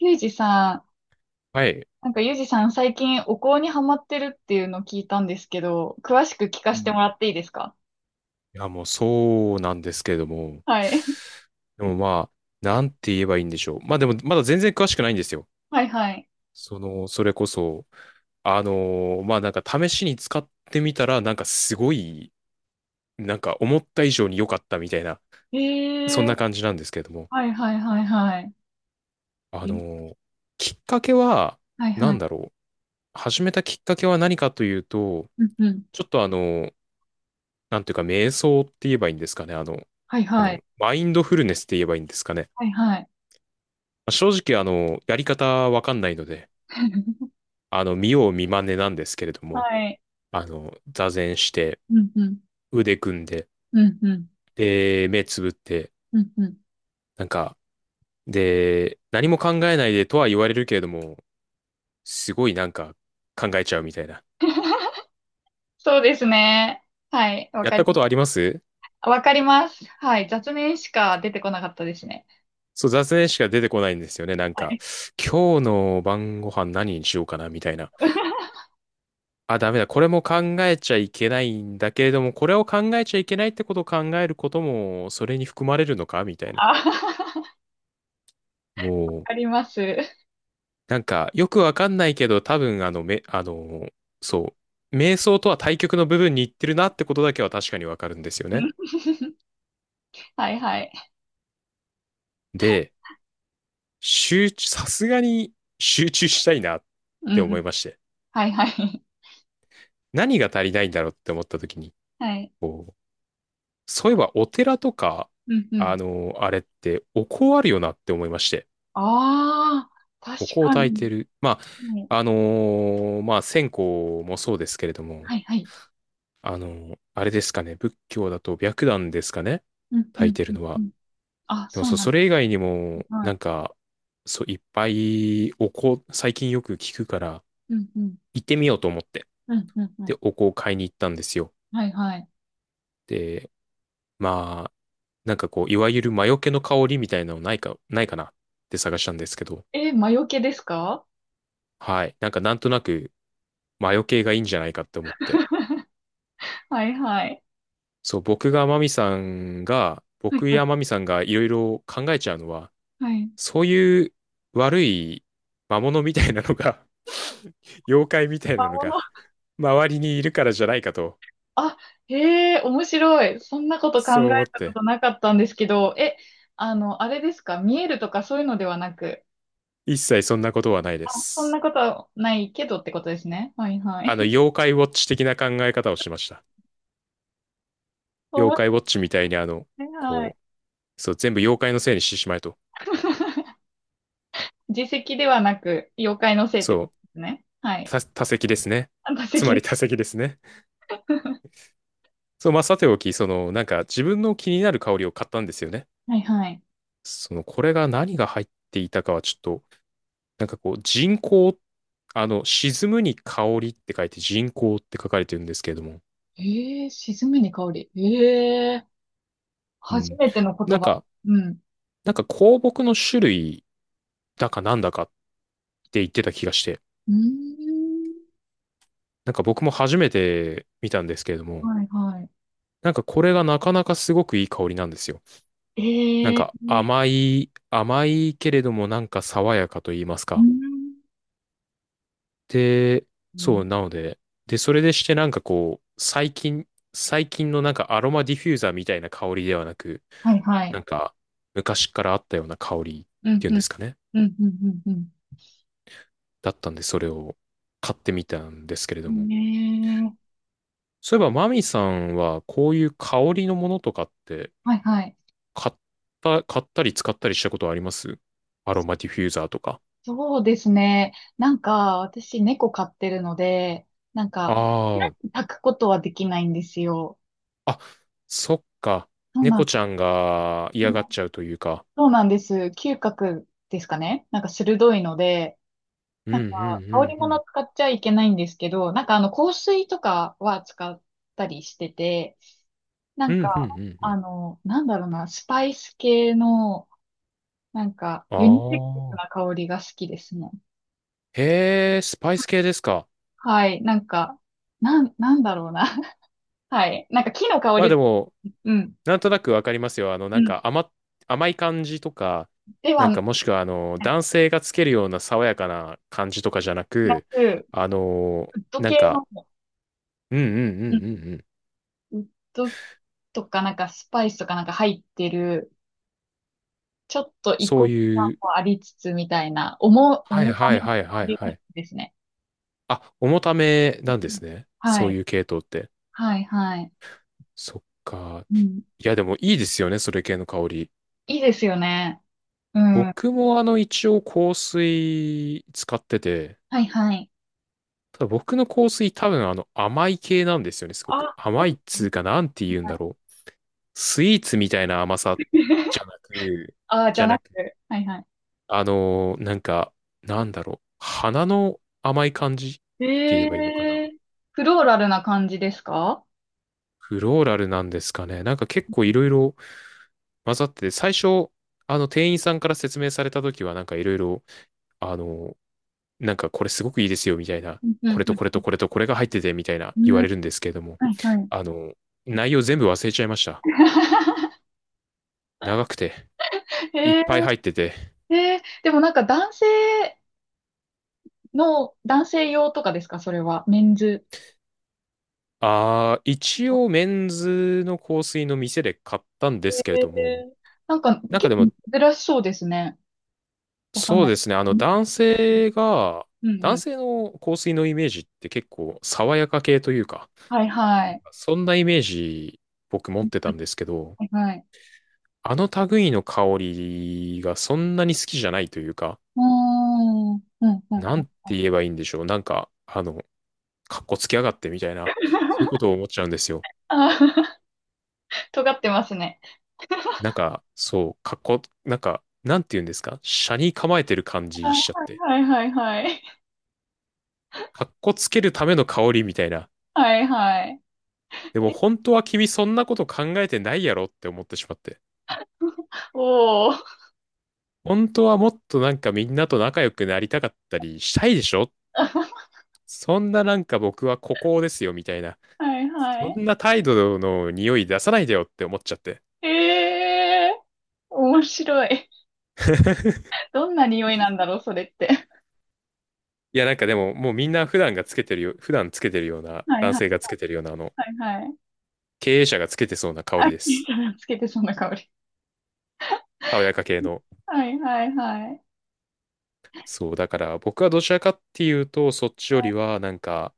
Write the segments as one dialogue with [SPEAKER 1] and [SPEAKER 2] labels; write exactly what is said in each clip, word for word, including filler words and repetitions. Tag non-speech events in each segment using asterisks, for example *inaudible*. [SPEAKER 1] ゆうじさ
[SPEAKER 2] はい。
[SPEAKER 1] ん、
[SPEAKER 2] い
[SPEAKER 1] なんかゆうじさん最近お香にハマってるっていうのを聞いたんですけど、詳しく聞か
[SPEAKER 2] う
[SPEAKER 1] せてもら
[SPEAKER 2] ん。
[SPEAKER 1] っていいですか？
[SPEAKER 2] や、もうそうなんですけれども。
[SPEAKER 1] はい。*laughs*
[SPEAKER 2] でもまあ、なんて言えばいいんでしょう。まあでも、まだ全然詳しくないんですよ。
[SPEAKER 1] はいはい。
[SPEAKER 2] その、それこそ、あのーまあなんか試しに使ってみたら、なんかすごい、なんか思った以上に良かったみたいな、
[SPEAKER 1] え
[SPEAKER 2] そん
[SPEAKER 1] ー、
[SPEAKER 2] な感じなんですけれども。
[SPEAKER 1] はいはいはいはい。
[SPEAKER 2] あの
[SPEAKER 1] え
[SPEAKER 2] ーきっかけは、
[SPEAKER 1] はい
[SPEAKER 2] な
[SPEAKER 1] はい。
[SPEAKER 2] んだろう。始めたきっかけは何かというと、
[SPEAKER 1] うんうん。
[SPEAKER 2] ちょっとあのーなんていうか、瞑想って言えばいいんですかね。あの、
[SPEAKER 1] はい
[SPEAKER 2] あ
[SPEAKER 1] は
[SPEAKER 2] の、
[SPEAKER 1] い。
[SPEAKER 2] マインドフルネスって言えばいいんですかね。
[SPEAKER 1] はいはい。
[SPEAKER 2] まあ正直、あの、やり方わかんないので、
[SPEAKER 1] *laughs*
[SPEAKER 2] あの、見よう見まねなんですけれど
[SPEAKER 1] は
[SPEAKER 2] も、
[SPEAKER 1] い。
[SPEAKER 2] あの、座禅して、
[SPEAKER 1] うんうん。
[SPEAKER 2] 腕組んで、
[SPEAKER 1] うんうん。
[SPEAKER 2] で、目つぶって、
[SPEAKER 1] うんうん。
[SPEAKER 2] なんか、で、何も考えないでとは言われるけれども、すごいなんか考えちゃうみたいな。
[SPEAKER 1] *laughs* そうですね。はい。わ
[SPEAKER 2] やっ
[SPEAKER 1] か
[SPEAKER 2] た
[SPEAKER 1] り、
[SPEAKER 2] ことあります？
[SPEAKER 1] わかります。はい。雑念しか出てこなかったですね。
[SPEAKER 2] そう、座禅しか出てこないんですよね。なん
[SPEAKER 1] は
[SPEAKER 2] か、
[SPEAKER 1] い。
[SPEAKER 2] 今日の晩ご飯何にしようかなみたいな。
[SPEAKER 1] *laughs*
[SPEAKER 2] あ、ダメだ。これも考えちゃいけないんだけれども、これを考えちゃいけないってことを考えることも、それに含まれるのかみたいな。
[SPEAKER 1] あ、*laughs*
[SPEAKER 2] もう、
[SPEAKER 1] あります。
[SPEAKER 2] なんか、よくわかんないけど、多分、あの、め、あの、そう、瞑想とは対極の部分に行ってるなってことだけは確かにわかるんですよ
[SPEAKER 1] う
[SPEAKER 2] ね。
[SPEAKER 1] ん。 *laughs* はいはい。
[SPEAKER 2] で、集中、さすがに集中したいなっ
[SPEAKER 1] う
[SPEAKER 2] て思
[SPEAKER 1] ん。
[SPEAKER 2] いまして。
[SPEAKER 1] はいはい。
[SPEAKER 2] 何が足りないんだろうって思った時に、
[SPEAKER 1] *laughs* はい。
[SPEAKER 2] こう、そういえばお寺とか、
[SPEAKER 1] うんうん。
[SPEAKER 2] あの、あれって、お香あるよなって思いまして。
[SPEAKER 1] ああ、確
[SPEAKER 2] お香を
[SPEAKER 1] か
[SPEAKER 2] 焚い
[SPEAKER 1] に。
[SPEAKER 2] てる。ま
[SPEAKER 1] ね、
[SPEAKER 2] あ、あのーまあ、線香もそうですけれども、
[SPEAKER 1] はいはい。
[SPEAKER 2] あの、あれですかね。仏教だと白檀ですかね。
[SPEAKER 1] うんう
[SPEAKER 2] 炊い
[SPEAKER 1] ん
[SPEAKER 2] て
[SPEAKER 1] う
[SPEAKER 2] る
[SPEAKER 1] ん
[SPEAKER 2] の
[SPEAKER 1] う
[SPEAKER 2] は。
[SPEAKER 1] ん。あ、
[SPEAKER 2] でも
[SPEAKER 1] そう
[SPEAKER 2] そう、
[SPEAKER 1] なん
[SPEAKER 2] そ
[SPEAKER 1] で
[SPEAKER 2] れ以外にも、
[SPEAKER 1] す。は
[SPEAKER 2] な
[SPEAKER 1] い。
[SPEAKER 2] んか、そう、いっぱいお香、最近よく聞くから、
[SPEAKER 1] うんうん。
[SPEAKER 2] 行ってみようと思って。
[SPEAKER 1] うんうんう
[SPEAKER 2] で、
[SPEAKER 1] ん。
[SPEAKER 2] お香を買いに行ったんですよ。
[SPEAKER 1] はいはい。
[SPEAKER 2] で、まあ、なんかこう、いわゆる魔除けの香りみたいなのないか、ないかなって探したんですけど、
[SPEAKER 1] え、魔除けですか？
[SPEAKER 2] はい。なんかなんとなく魔除けがいいんじゃないかって思って。
[SPEAKER 1] *laughs* はいはい。
[SPEAKER 2] そう、僕がマミさんが、
[SPEAKER 1] はい
[SPEAKER 2] 僕
[SPEAKER 1] はい。
[SPEAKER 2] やマミさんがいろいろ考えちゃうのは、
[SPEAKER 1] はい。
[SPEAKER 2] そういう悪い魔物みたいなのが *laughs* 妖怪みたい
[SPEAKER 1] 魔
[SPEAKER 2] なの
[SPEAKER 1] 物。
[SPEAKER 2] が周りにいるからじゃないかと、
[SPEAKER 1] あ、へえ、面白い。そんなこと考
[SPEAKER 2] そ
[SPEAKER 1] え
[SPEAKER 2] う思っ
[SPEAKER 1] たこ
[SPEAKER 2] て、
[SPEAKER 1] となかったんですけど、え、あの、あれですか？見えるとかそういうのではなく、
[SPEAKER 2] 一切そんなことはないで
[SPEAKER 1] あ、そんな
[SPEAKER 2] す。
[SPEAKER 1] ことはないけどってことですね。はいは
[SPEAKER 2] あの、
[SPEAKER 1] い。
[SPEAKER 2] 妖怪ウォッチ的な考え方をしました。
[SPEAKER 1] *laughs*
[SPEAKER 2] 妖怪
[SPEAKER 1] 面
[SPEAKER 2] ウォッチみたいにあの、
[SPEAKER 1] 白い。はい。
[SPEAKER 2] こう、そう、全部妖怪のせいにしてしまえと。
[SPEAKER 1] 自責ではなく、妖怪のせいって
[SPEAKER 2] そ
[SPEAKER 1] こと
[SPEAKER 2] う、
[SPEAKER 1] ですね。はい。
[SPEAKER 2] た、多席ですね。
[SPEAKER 1] あ、打
[SPEAKER 2] つ
[SPEAKER 1] 席
[SPEAKER 2] ま
[SPEAKER 1] で
[SPEAKER 2] り
[SPEAKER 1] す。
[SPEAKER 2] 多席ですね。
[SPEAKER 1] *laughs*
[SPEAKER 2] そう、まあ、さておき、その、なんか自分の気になる香りを買ったんですよね。
[SPEAKER 1] はいはい。
[SPEAKER 2] その、これが何が入っていたかはちょっとなんかこう、人工、あの、沈むに香りって書いて人工って書かれてるんですけれども、
[SPEAKER 1] ええー、沈めに香り。ええー、
[SPEAKER 2] う
[SPEAKER 1] 初
[SPEAKER 2] ん。
[SPEAKER 1] めての言
[SPEAKER 2] なん
[SPEAKER 1] 葉。
[SPEAKER 2] か、
[SPEAKER 1] うん。
[SPEAKER 2] なんか香木の種類だかなんだかって言ってた気がして、
[SPEAKER 1] うーん。
[SPEAKER 2] なんか僕も初めて見たんですけれども、
[SPEAKER 1] はいはい。
[SPEAKER 2] なんかこれがなかなかすごくいい香りなんですよ。なん
[SPEAKER 1] ええ
[SPEAKER 2] か
[SPEAKER 1] ー。
[SPEAKER 2] 甘い、甘いけれどもなんか爽やかと言います
[SPEAKER 1] うー
[SPEAKER 2] か。
[SPEAKER 1] ん。
[SPEAKER 2] で、
[SPEAKER 1] う
[SPEAKER 2] そ
[SPEAKER 1] ん。
[SPEAKER 2] う、なので、で、それでしてなんかこう、最近、最近のなんかアロマディフューザーみたいな香りではなく、
[SPEAKER 1] はいはい。
[SPEAKER 2] なんか、昔からあったような香りっ
[SPEAKER 1] うん
[SPEAKER 2] ていうん
[SPEAKER 1] う
[SPEAKER 2] で
[SPEAKER 1] ん。
[SPEAKER 2] すかね。
[SPEAKER 1] うんうんうん
[SPEAKER 2] だったんで、それを買ってみたんですけれ
[SPEAKER 1] う
[SPEAKER 2] ど
[SPEAKER 1] ん。
[SPEAKER 2] も。
[SPEAKER 1] ねえ。
[SPEAKER 2] そういえば、マミさんは、こういう香りのものとかって、
[SPEAKER 1] はいはい。
[SPEAKER 2] 買った、買ったり使ったりしたことあります？アロマディフューザーとか。
[SPEAKER 1] そうですね。なんか、私猫飼ってるので、なんか、
[SPEAKER 2] あ
[SPEAKER 1] 抱くことはできないんですよ。
[SPEAKER 2] あ、あ、そっか。
[SPEAKER 1] そうなん
[SPEAKER 2] 猫
[SPEAKER 1] で
[SPEAKER 2] ちゃ
[SPEAKER 1] す。
[SPEAKER 2] んが嫌がっちゃうというか。
[SPEAKER 1] そうなんです。嗅覚ですかね。なんか鋭いので、
[SPEAKER 2] うん、う
[SPEAKER 1] な
[SPEAKER 2] ん、
[SPEAKER 1] ん
[SPEAKER 2] う
[SPEAKER 1] か、香り
[SPEAKER 2] ん、う
[SPEAKER 1] 物
[SPEAKER 2] ん。
[SPEAKER 1] 使っちゃいけないんですけど、なんかあの、香水とかは使ったりしてて、な
[SPEAKER 2] う
[SPEAKER 1] ん
[SPEAKER 2] ん、う
[SPEAKER 1] か、
[SPEAKER 2] ん、うん、う
[SPEAKER 1] あ
[SPEAKER 2] ん。
[SPEAKER 1] の、なんだろうな、スパイス系の、なんか、
[SPEAKER 2] あ
[SPEAKER 1] ユニセックスな
[SPEAKER 2] あ。
[SPEAKER 1] 香りが好きですね。
[SPEAKER 2] へえ、スパイス系ですか？
[SPEAKER 1] はい。なんか、なん、なんだろうな。*laughs* はい。なんか木の香
[SPEAKER 2] まあで
[SPEAKER 1] り、
[SPEAKER 2] も、
[SPEAKER 1] うん、
[SPEAKER 2] なんとなくわかりますよ。あの、
[SPEAKER 1] う
[SPEAKER 2] なん
[SPEAKER 1] ん。
[SPEAKER 2] か甘、甘い感じとか、
[SPEAKER 1] で
[SPEAKER 2] な
[SPEAKER 1] は
[SPEAKER 2] ん
[SPEAKER 1] な
[SPEAKER 2] かもしくはあの、男性がつけるような爽やかな感じとかじゃなく、
[SPEAKER 1] く、
[SPEAKER 2] あの、
[SPEAKER 1] ウッド
[SPEAKER 2] なん
[SPEAKER 1] 系
[SPEAKER 2] か、
[SPEAKER 1] の、
[SPEAKER 2] うんうんうんうん
[SPEAKER 1] うん、
[SPEAKER 2] うん。
[SPEAKER 1] ウッドとかなんかスパイスとかなんか入ってる、ちょっと異
[SPEAKER 2] そう
[SPEAKER 1] 国感
[SPEAKER 2] いう、
[SPEAKER 1] もありつつみたいな、重、
[SPEAKER 2] はい
[SPEAKER 1] 重た
[SPEAKER 2] は
[SPEAKER 1] め
[SPEAKER 2] い
[SPEAKER 1] の
[SPEAKER 2] はい
[SPEAKER 1] 香
[SPEAKER 2] はい
[SPEAKER 1] りが
[SPEAKER 2] は
[SPEAKER 1] 好
[SPEAKER 2] い。
[SPEAKER 1] きですね。
[SPEAKER 2] あ、重ためなんで
[SPEAKER 1] うん。
[SPEAKER 2] すね。
[SPEAKER 1] は
[SPEAKER 2] そう
[SPEAKER 1] い。
[SPEAKER 2] いう系統って。
[SPEAKER 1] はい、はい。
[SPEAKER 2] そっか。
[SPEAKER 1] うん。
[SPEAKER 2] いやでもいいですよね、それ系の香り。
[SPEAKER 1] いいですよね。うん。は
[SPEAKER 2] 僕もあの、一応香水使ってて、
[SPEAKER 1] い、はい。
[SPEAKER 2] ただ僕の香水多分あの甘い系なんですよね、すごく。
[SPEAKER 1] あ、*laughs* そう
[SPEAKER 2] 甘い
[SPEAKER 1] で
[SPEAKER 2] っ
[SPEAKER 1] す
[SPEAKER 2] つ
[SPEAKER 1] ね。
[SPEAKER 2] うかなんて言うん
[SPEAKER 1] は
[SPEAKER 2] だ
[SPEAKER 1] い。
[SPEAKER 2] ろう。スイーツみたいな甘さじゃなく、
[SPEAKER 1] *laughs* あ、じ
[SPEAKER 2] じ
[SPEAKER 1] ゃ
[SPEAKER 2] ゃ
[SPEAKER 1] な
[SPEAKER 2] な
[SPEAKER 1] く
[SPEAKER 2] く、
[SPEAKER 1] て。はい、は
[SPEAKER 2] あのーなんか、なんだろう。花の甘い感じって
[SPEAKER 1] い。
[SPEAKER 2] 言えばいいのかな。
[SPEAKER 1] えー、フローラルな感じですか？
[SPEAKER 2] フローラルなんですかね。なんか結構いろいろ混ざってて、最初、あの店員さんから説明された時はなんかいろいろあの、なんかこれすごくいいですよみたいな、
[SPEAKER 1] うん、う
[SPEAKER 2] こ
[SPEAKER 1] ん、
[SPEAKER 2] れとこれ
[SPEAKER 1] う
[SPEAKER 2] とこれとこれが入っててみたいな
[SPEAKER 1] ん。
[SPEAKER 2] 言わ
[SPEAKER 1] うん。
[SPEAKER 2] れるんですけれども、
[SPEAKER 1] はい、はい。
[SPEAKER 2] あの、内容全部忘れちゃいました。長くて、いっ
[SPEAKER 1] え
[SPEAKER 2] ぱい入ってて。
[SPEAKER 1] ー、えー、でもなんか男性の、男性用とかですか、それは？メンズ。
[SPEAKER 2] ああ一応メンズの香水の店で買ったんですけれ
[SPEAKER 1] え
[SPEAKER 2] ども、
[SPEAKER 1] え、なんか
[SPEAKER 2] なんか
[SPEAKER 1] 結
[SPEAKER 2] でも、
[SPEAKER 1] 構珍しそうですね。わかん
[SPEAKER 2] そう
[SPEAKER 1] ない。
[SPEAKER 2] ですね、あの
[SPEAKER 1] うん、
[SPEAKER 2] 男性が、
[SPEAKER 1] うん、う
[SPEAKER 2] 男
[SPEAKER 1] ん。
[SPEAKER 2] 性の香水のイメージって結構爽やか系というか、
[SPEAKER 1] はいはい。
[SPEAKER 2] そんなイメージ僕持ってたんですけど、
[SPEAKER 1] はいはい。
[SPEAKER 2] あの類の香りがそんなに好きじゃないというか、
[SPEAKER 1] うーん、うん、うん。う
[SPEAKER 2] なんて
[SPEAKER 1] ん。
[SPEAKER 2] 言えばいいんでしょう。なんか、あの、かっこつけやがってみたいな、そういうことを思っちゃうんですよ。
[SPEAKER 1] あー、*laughs* 尖ってますね。
[SPEAKER 2] なんか、そう、かっこ、なんか、なんて言うんですか？斜に構えてる感
[SPEAKER 1] あ、
[SPEAKER 2] じしちゃって。
[SPEAKER 1] はいはいはいはい。
[SPEAKER 2] かっこつけるための香りみたいな。
[SPEAKER 1] はいはい。
[SPEAKER 2] でも本当は君そんなこと考えてないやろって思ってしまって。
[SPEAKER 1] おー。
[SPEAKER 2] 本当はもっとなんかみんなと仲良くなりたかったりしたいでしょ？
[SPEAKER 1] *laughs*
[SPEAKER 2] そんななんか僕は孤高ですよみたいな。
[SPEAKER 1] はいは
[SPEAKER 2] そ
[SPEAKER 1] い。
[SPEAKER 2] んな態度の匂い出さないでよって思っちゃって。
[SPEAKER 1] ええー、面白い。どんな匂いなんだろう、それって？
[SPEAKER 2] いや、なんかでも、もうみんな普段がつけてるよ、普段つけてるような、
[SPEAKER 1] はい
[SPEAKER 2] 男
[SPEAKER 1] は
[SPEAKER 2] 性が
[SPEAKER 1] い
[SPEAKER 2] つけてるような、あの、
[SPEAKER 1] はいはい。
[SPEAKER 2] 経営者がつけてそうな香
[SPEAKER 1] あ、
[SPEAKER 2] りです。
[SPEAKER 1] つけてそうな香り。
[SPEAKER 2] 爽やか系の。
[SPEAKER 1] はいはいはい。
[SPEAKER 2] そう、だから僕はどちらかっていうと、そっちより
[SPEAKER 1] は
[SPEAKER 2] は、なんか、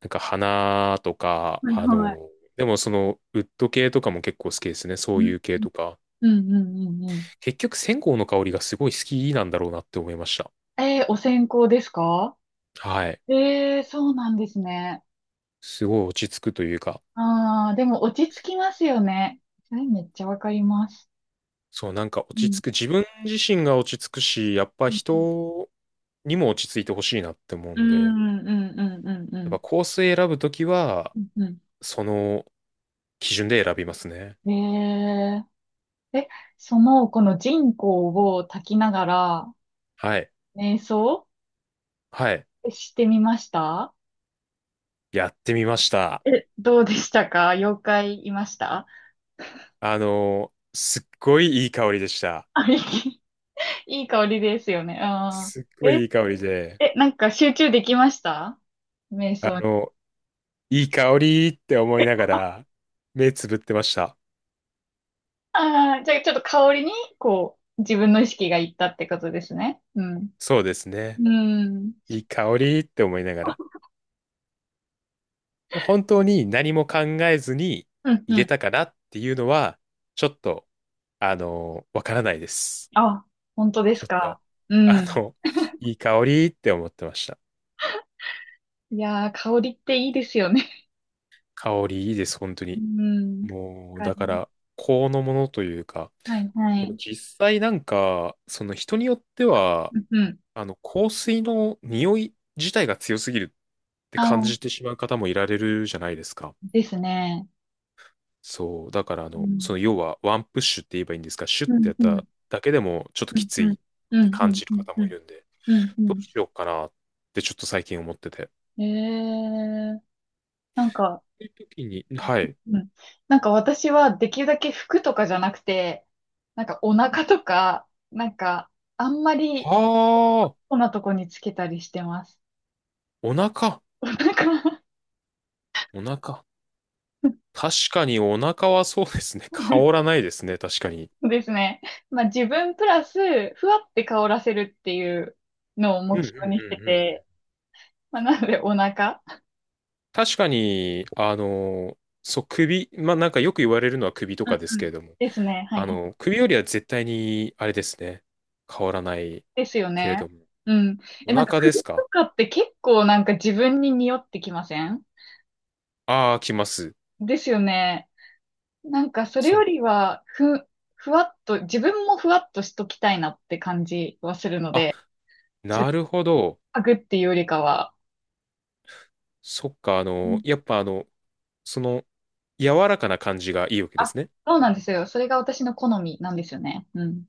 [SPEAKER 2] なんか花とか、
[SPEAKER 1] いはい
[SPEAKER 2] あ
[SPEAKER 1] はい。
[SPEAKER 2] の、でもその、ウッド系とかも結構好きですね。そういう系とか。
[SPEAKER 1] うんうんうんうん。
[SPEAKER 2] 結局、線香の香りがすごい好きなんだろうなって思いました。
[SPEAKER 1] えー、お線香ですか？
[SPEAKER 2] はい。
[SPEAKER 1] えー、そうなんですね。
[SPEAKER 2] すごい落ち着くというか、
[SPEAKER 1] ああ、でも落ち着きますよね。それめっちゃわかります。
[SPEAKER 2] そう、なんか
[SPEAKER 1] う
[SPEAKER 2] 落ち
[SPEAKER 1] ん、
[SPEAKER 2] 着く、自分自身が落ち着くし、やっぱ
[SPEAKER 1] うん、
[SPEAKER 2] 人にも落ち着いてほしいなって思う
[SPEAKER 1] う
[SPEAKER 2] んで、
[SPEAKER 1] ん、うん、うん、うん、う
[SPEAKER 2] やっ
[SPEAKER 1] ん。
[SPEAKER 2] ぱコース選ぶときは、
[SPEAKER 1] うんうん
[SPEAKER 2] その基準で選びますね。
[SPEAKER 1] うん。えー、え、その、この人工を炊きながら、
[SPEAKER 2] はい。
[SPEAKER 1] 瞑想
[SPEAKER 2] はい。
[SPEAKER 1] してみました？
[SPEAKER 2] やってみました。
[SPEAKER 1] え、どうでしたか？妖怪いました？
[SPEAKER 2] あの、すっごいいい香りでした。
[SPEAKER 1] あ、いい、いい香りですよね。
[SPEAKER 2] すっ
[SPEAKER 1] うん。
[SPEAKER 2] ご
[SPEAKER 1] え、
[SPEAKER 2] いいい香りで、
[SPEAKER 1] え、なんか集中できました？瞑
[SPEAKER 2] あ
[SPEAKER 1] 想？
[SPEAKER 2] の、いい香りって思いながら、目つぶってました。
[SPEAKER 1] あ、じゃあ、ちょっと香りに、こう、自分の意識がいったってことですね。うん。
[SPEAKER 2] そうですね。
[SPEAKER 1] うん。
[SPEAKER 2] いい香りって思いながら。
[SPEAKER 1] あ。
[SPEAKER 2] 本当に何も考えずに
[SPEAKER 1] うん
[SPEAKER 2] 入
[SPEAKER 1] う
[SPEAKER 2] れ
[SPEAKER 1] ん。
[SPEAKER 2] たかなっていうのは、ちょっと、あのわからないです。
[SPEAKER 1] あ、本当です
[SPEAKER 2] ちょっと、
[SPEAKER 1] か。う
[SPEAKER 2] あ
[SPEAKER 1] ん。
[SPEAKER 2] の、いい香りって思ってました。
[SPEAKER 1] いやー、香りっていいですよね。
[SPEAKER 2] 香りいいです、本当
[SPEAKER 1] う
[SPEAKER 2] に。
[SPEAKER 1] ん。わ
[SPEAKER 2] もう、
[SPEAKER 1] かり
[SPEAKER 2] だか
[SPEAKER 1] ま
[SPEAKER 2] ら、
[SPEAKER 1] す。
[SPEAKER 2] このものというか、
[SPEAKER 1] はいは
[SPEAKER 2] でも
[SPEAKER 1] い。
[SPEAKER 2] 実際なんか、その人によっては、
[SPEAKER 1] うんうん。
[SPEAKER 2] あの、香水の匂い自体が強すぎるって感じ
[SPEAKER 1] あ、
[SPEAKER 2] てしまう方もいられるじゃないですか。
[SPEAKER 1] ですね。
[SPEAKER 2] そう。だから、あ
[SPEAKER 1] う
[SPEAKER 2] の、その
[SPEAKER 1] ん。
[SPEAKER 2] 要はワンプッシュって言えばいいんですか、シュッ
[SPEAKER 1] う
[SPEAKER 2] て
[SPEAKER 1] ん
[SPEAKER 2] やっ
[SPEAKER 1] うん。
[SPEAKER 2] ただけでもちょっと
[SPEAKER 1] う
[SPEAKER 2] き
[SPEAKER 1] ん
[SPEAKER 2] つ
[SPEAKER 1] う
[SPEAKER 2] い
[SPEAKER 1] ん。
[SPEAKER 2] っ
[SPEAKER 1] う
[SPEAKER 2] て
[SPEAKER 1] んう
[SPEAKER 2] 感
[SPEAKER 1] ん
[SPEAKER 2] じる
[SPEAKER 1] うん
[SPEAKER 2] 方
[SPEAKER 1] う
[SPEAKER 2] もい
[SPEAKER 1] ん。
[SPEAKER 2] るんで、
[SPEAKER 1] うん
[SPEAKER 2] どう
[SPEAKER 1] う
[SPEAKER 2] しようかなってちょっと最近思ってて。そ
[SPEAKER 1] ん。えー、なんか、
[SPEAKER 2] ういう時に、はい。
[SPEAKER 1] うん。なんか私はできるだけ服とかじゃなくて、なんかお腹とか、なんかあんまり
[SPEAKER 2] はあ、
[SPEAKER 1] こんなとこにつけたりしてます。
[SPEAKER 2] お腹、
[SPEAKER 1] お腹。
[SPEAKER 2] お腹。確かにお腹はそうですね。*laughs* 香ら
[SPEAKER 1] *laughs*
[SPEAKER 2] ないですね、確かに。
[SPEAKER 1] ですね。まあ自分プラス、ふわって香らせるっていうのを
[SPEAKER 2] うん
[SPEAKER 1] 目
[SPEAKER 2] うんうん
[SPEAKER 1] 標にして
[SPEAKER 2] うん。
[SPEAKER 1] て、まあなのでお腹。
[SPEAKER 2] 確かに、あの、そう、首、まあ、なんかよく言われるのは首と
[SPEAKER 1] うん
[SPEAKER 2] かで
[SPEAKER 1] う
[SPEAKER 2] すけ
[SPEAKER 1] ん。
[SPEAKER 2] れども、
[SPEAKER 1] ですね。はい
[SPEAKER 2] あ
[SPEAKER 1] はい。
[SPEAKER 2] の、首よりは絶対に、あれですね、香らない
[SPEAKER 1] ですよ
[SPEAKER 2] けれ
[SPEAKER 1] ね。
[SPEAKER 2] ども。
[SPEAKER 1] うん。
[SPEAKER 2] お
[SPEAKER 1] え、なんか
[SPEAKER 2] 腹で
[SPEAKER 1] 首
[SPEAKER 2] す
[SPEAKER 1] と
[SPEAKER 2] か？
[SPEAKER 1] かって結構なんか自分に匂ってきません？
[SPEAKER 2] ああー、来ます。
[SPEAKER 1] ですよね。なんかそれ
[SPEAKER 2] そ
[SPEAKER 1] よ
[SPEAKER 2] う。
[SPEAKER 1] りは、ふ、ふわっと、自分もふわっとしときたいなって感じはするの
[SPEAKER 2] あ、
[SPEAKER 1] で、つっ
[SPEAKER 2] なるほど。
[SPEAKER 1] かぐっていうよりかは、
[SPEAKER 2] そっか、あ
[SPEAKER 1] う
[SPEAKER 2] の、
[SPEAKER 1] ん。
[SPEAKER 2] やっぱあの、その、柔らかな感じがいいわけで
[SPEAKER 1] あ、
[SPEAKER 2] すね。
[SPEAKER 1] そうなんですよ。それが私の好みなんですよね。うん。